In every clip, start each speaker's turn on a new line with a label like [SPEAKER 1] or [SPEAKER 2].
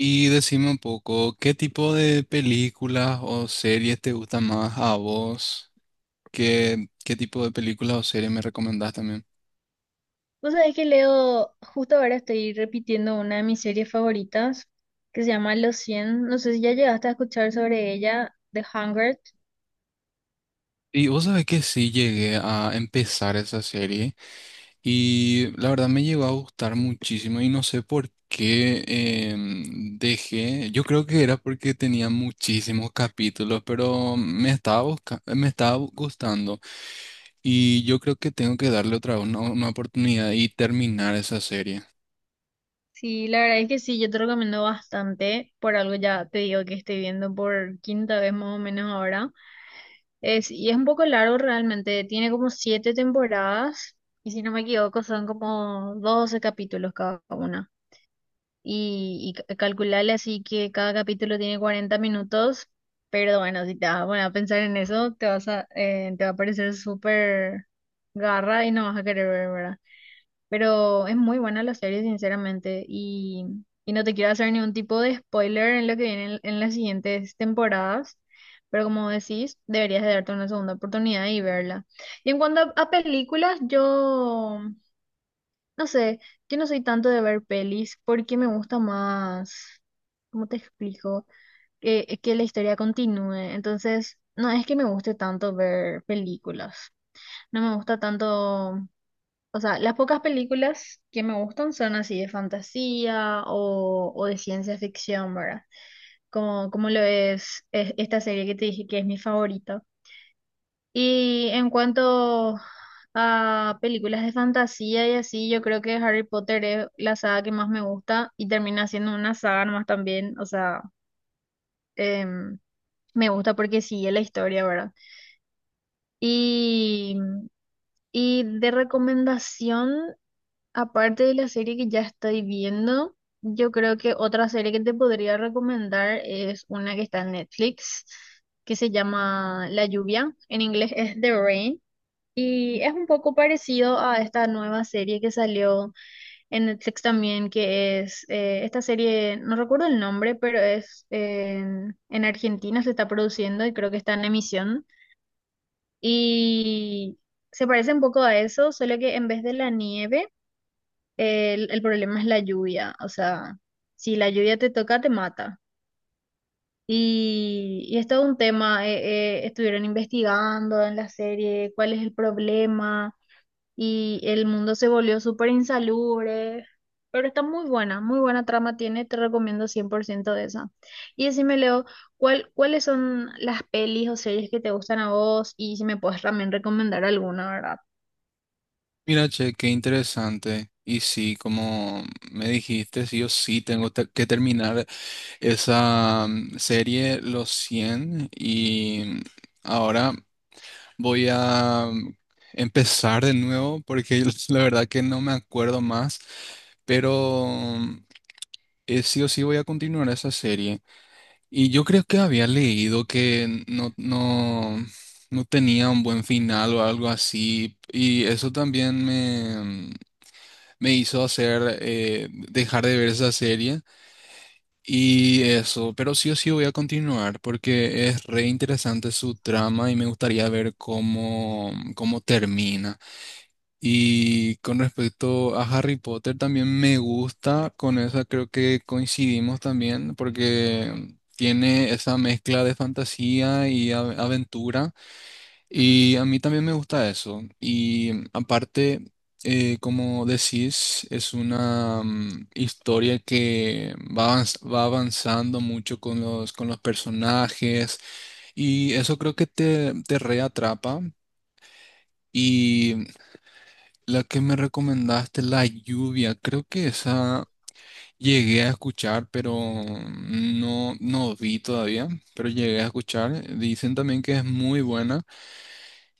[SPEAKER 1] Y decime un poco, ¿qué tipo de películas o series te gustan más a vos? ¿¿Qué tipo de películas o series me recomendás también?
[SPEAKER 2] Vos sabés que leo, justo ahora estoy repitiendo una de mis series favoritas que se llama Los cien. No sé si ya llegaste a escuchar sobre ella, The Hunger.
[SPEAKER 1] Y vos sabés que sí llegué a empezar esa serie y la verdad me llegó a gustar muchísimo y no sé por qué dejé. Yo creo que era porque tenía muchísimos capítulos, pero me estaba gustando y yo creo que tengo que darle otra vez una oportunidad y terminar esa serie.
[SPEAKER 2] Sí, la verdad es que sí, yo te recomiendo bastante. Por algo ya te digo que estoy viendo por quinta vez más o menos ahora. Es, y es un poco largo realmente, tiene como siete temporadas y si no me equivoco son como 12 capítulos cada una. Y calcularle así que cada capítulo tiene 40 minutos, pero bueno, si te vas a poner a pensar en eso, te vas a, te va a parecer súper garra y no vas a querer ver, ¿verdad? Pero es muy buena la serie, sinceramente, y no te quiero hacer ningún tipo de spoiler en lo que viene en las siguientes temporadas. Pero como decís, deberías de darte una segunda oportunidad y verla. Y en cuanto a películas, yo no sé, yo no soy tanto de ver pelis porque me gusta más, ¿cómo te explico? Que la historia continúe. Entonces, no es que me guste tanto ver películas. No me gusta tanto, o sea, las pocas películas que me gustan son así de fantasía o de ciencia ficción, ¿verdad? Como, como lo es esta serie que te dije que es mi favorita. Y en cuanto a películas de fantasía y así, yo creo que Harry Potter es la saga que más me gusta y termina siendo una saga nomás también, o sea, em, me gusta porque sigue la historia, ¿verdad? Y, y de recomendación, aparte de la serie que ya estoy viendo, yo creo que otra serie que te podría recomendar es una que está en Netflix, que se llama La Lluvia, en inglés es The Rain. Y es un poco parecido a esta nueva serie que salió en Netflix también, que es esta serie, no recuerdo el nombre, pero es en Argentina se está produciendo y creo que está en emisión. Y se parece un poco a eso, solo que en vez de la nieve, el problema es la lluvia. O sea, si la lluvia te toca, te mata. Y es todo un tema, estuvieron investigando en la serie cuál es el problema y el mundo se volvió súper insalubre, pero está muy buena trama tiene, te recomiendo 100% de esa. Y decime, Leo, ¿ cuáles son las pelis o series que te gustan a vos? Y si me puedes también recomendar alguna, ¿verdad?
[SPEAKER 1] Mira, che, qué interesante. Y sí, como me dijiste, sí, yo sí que terminar esa serie Los cien, y ahora voy a empezar de nuevo porque la verdad que no me acuerdo más, pero sí o sí voy a continuar esa serie. Y yo creo que había leído que no tenía un buen final o algo así y eso también me hizo hacer dejar de ver esa serie y eso, pero sí o sí voy a continuar porque es re interesante su trama y me gustaría ver cómo termina. Y con respecto a Harry Potter también me gusta, con esa creo que coincidimos también porque tiene esa mezcla de fantasía y aventura. Y a mí también me gusta eso. Y aparte, como decís, es una historia que va avanzando mucho con con los personajes y eso creo que te reatrapa. Y la que me recomendaste, La Lluvia, creo que esa llegué a escuchar, pero no vi todavía, pero llegué a escuchar. Dicen también que es muy buena.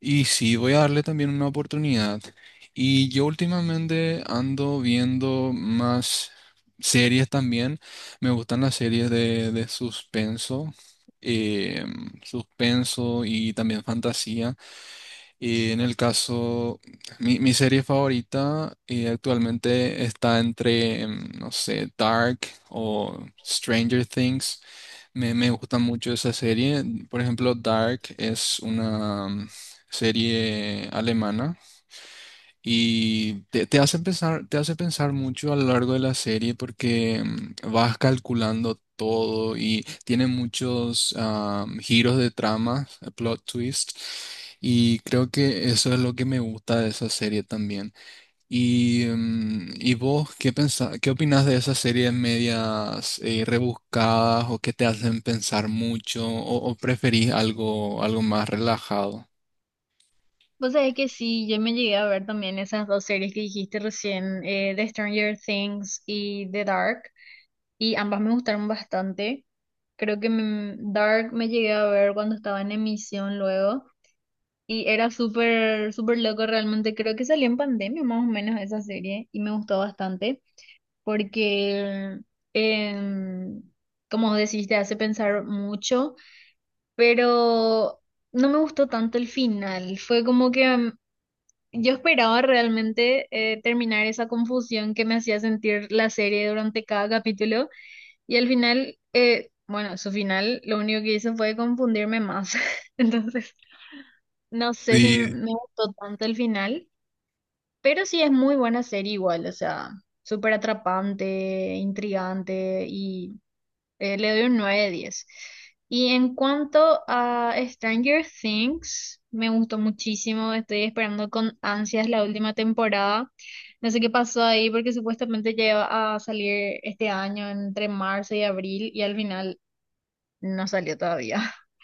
[SPEAKER 1] Y sí, voy a darle también una oportunidad. Y yo últimamente ando viendo más series también. Me gustan las series de suspenso, suspenso y también fantasía. Y en el caso, mi serie favorita actualmente está entre, no sé, Dark o Stranger Things. Me gusta mucho esa serie. Por ejemplo, Dark es una serie alemana y te hace pensar mucho a lo largo de la serie porque vas calculando todo y tiene muchos giros de trama, plot twist. Y creo que eso es lo que me gusta de esa serie también. Y, ¿y vos qué pensás, qué opinás de esas series medias rebuscadas o que te hacen pensar mucho o preferís algo, algo más relajado?
[SPEAKER 2] Vos sabés que sí, yo me llegué a ver también esas dos series que dijiste recién, The Stranger Things y The Dark, y ambas me gustaron bastante. Creo que mm, Dark me llegué a ver cuando estaba en emisión luego. Y era súper, súper loco realmente. Creo que salió en pandemia más o menos esa serie y me gustó bastante porque, em, como decís, te hace pensar mucho, pero no me gustó tanto el final. Fue como que yo esperaba realmente terminar esa confusión que me hacía sentir la serie durante cada capítulo y al final, bueno, su final lo único que hizo fue confundirme más. Entonces, no sé si
[SPEAKER 1] Sí,
[SPEAKER 2] me gustó tanto el final. Pero sí es muy buena serie igual, o sea, súper atrapante, intrigante y le doy un 9 de diez. Y en cuanto a Stranger Things, me gustó muchísimo, estoy esperando con ansias la última temporada. No sé qué pasó ahí porque supuestamente ya iba a salir este año entre marzo y abril y al final no salió todavía.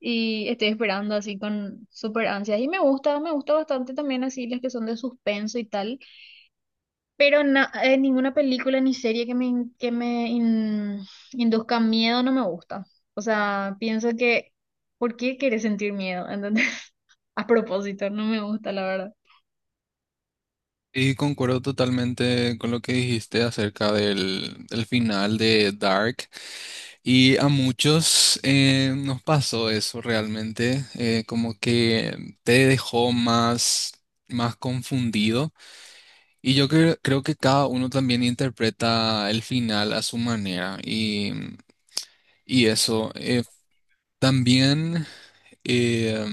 [SPEAKER 2] Y estoy esperando así con súper ansias. Y me gusta bastante también así las que son de suspenso y tal. Pero ninguna película ni serie que me induzca miedo no me gusta. O sea, pienso que, ¿por qué querés sentir miedo? ¿Entendés? A propósito, no me gusta, la verdad.
[SPEAKER 1] y concuerdo totalmente con lo que dijiste acerca del final de Dark. Y a muchos nos pasó eso realmente, como que te dejó más, más confundido. Y yo creo que cada uno también interpreta el final a su manera. Y eso también eh,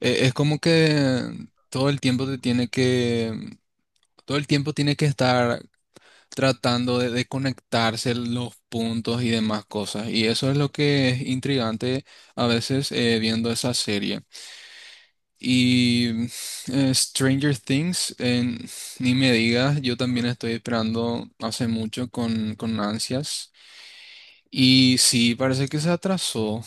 [SPEAKER 1] es como que todo el tiempo te tiene que... Todo el tiempo tiene que estar tratando de conectarse los puntos y demás cosas. Y eso es lo que es intrigante a veces viendo esa serie. Y Stranger Things, ni me digas, yo también estoy esperando hace mucho con ansias. Y sí, parece que se atrasó.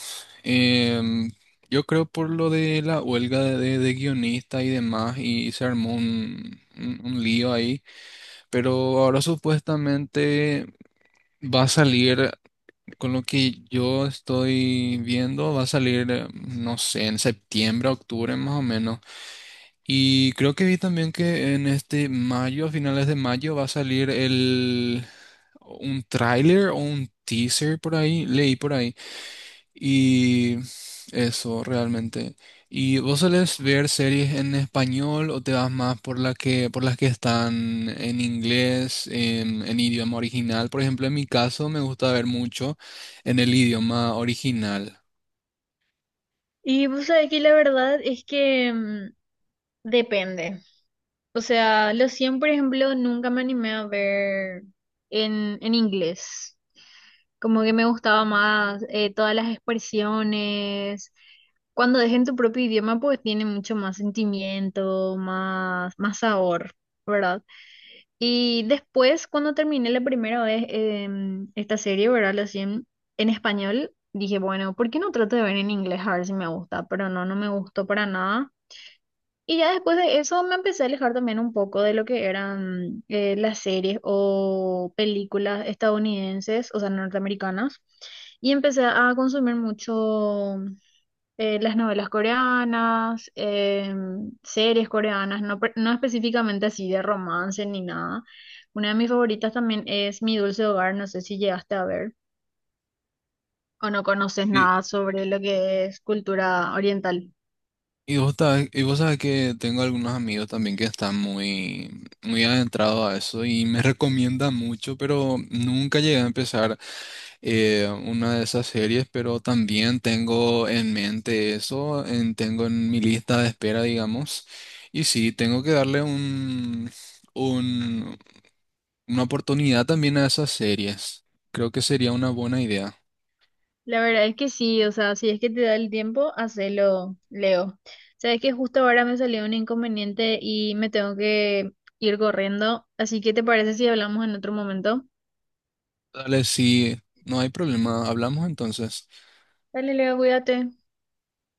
[SPEAKER 1] Em, yo creo por lo de la huelga de guionista y demás, y se armó un, un lío ahí. Pero ahora supuestamente va a salir, con lo que yo estoy viendo, va a salir, no sé, en septiembre, octubre más o menos. Y creo que vi también que en este mayo, a finales de mayo, va a salir un tráiler o un teaser por ahí, leí por ahí y eso realmente. ¿Y vos solés ver series en español o te vas más por la por las que están en inglés, en idioma original? Por ejemplo, en mi caso me gusta ver mucho en el idioma original.
[SPEAKER 2] Y pues aquí la verdad es que mm, depende. O sea, los 100, por ejemplo, nunca me animé a ver en inglés. Como que me gustaba más todas las expresiones. Cuando es tu propio idioma, pues tiene mucho más sentimiento, más, más sabor, ¿verdad? Y después, cuando terminé la primera vez esta serie, ¿verdad? Los 100 en español, dije, bueno, ¿por qué no trato de ver en inglés a ver si me gusta? Pero no, no me gustó para nada. Y ya después de eso me empecé a alejar también un poco de lo que eran las series o películas estadounidenses, o sea, norteamericanas, y empecé a consumir mucho las novelas coreanas, series coreanas, no, no específicamente así de romance ni nada. Una de mis favoritas también es Mi Dulce Hogar, no sé si llegaste a ver o no conoces
[SPEAKER 1] Y,
[SPEAKER 2] nada sobre lo que es cultura oriental.
[SPEAKER 1] y vos sabés que tengo algunos amigos también que están muy, muy adentrados a eso y me recomiendan mucho, pero nunca llegué a empezar una de esas series, pero también tengo en mente eso, tengo en mi lista de espera, digamos, y sí, tengo que darle un, un- una oportunidad también a esas series. Creo que sería una buena idea.
[SPEAKER 2] La verdad es que sí, o sea, si es que te da el tiempo, hacelo, Leo. Sabes que justo ahora me salió un inconveniente y me tengo que ir corriendo, así que ¿te parece si hablamos en otro momento?
[SPEAKER 1] Dale, sí, no hay problema, hablamos entonces.
[SPEAKER 2] Dale, Leo, cuídate.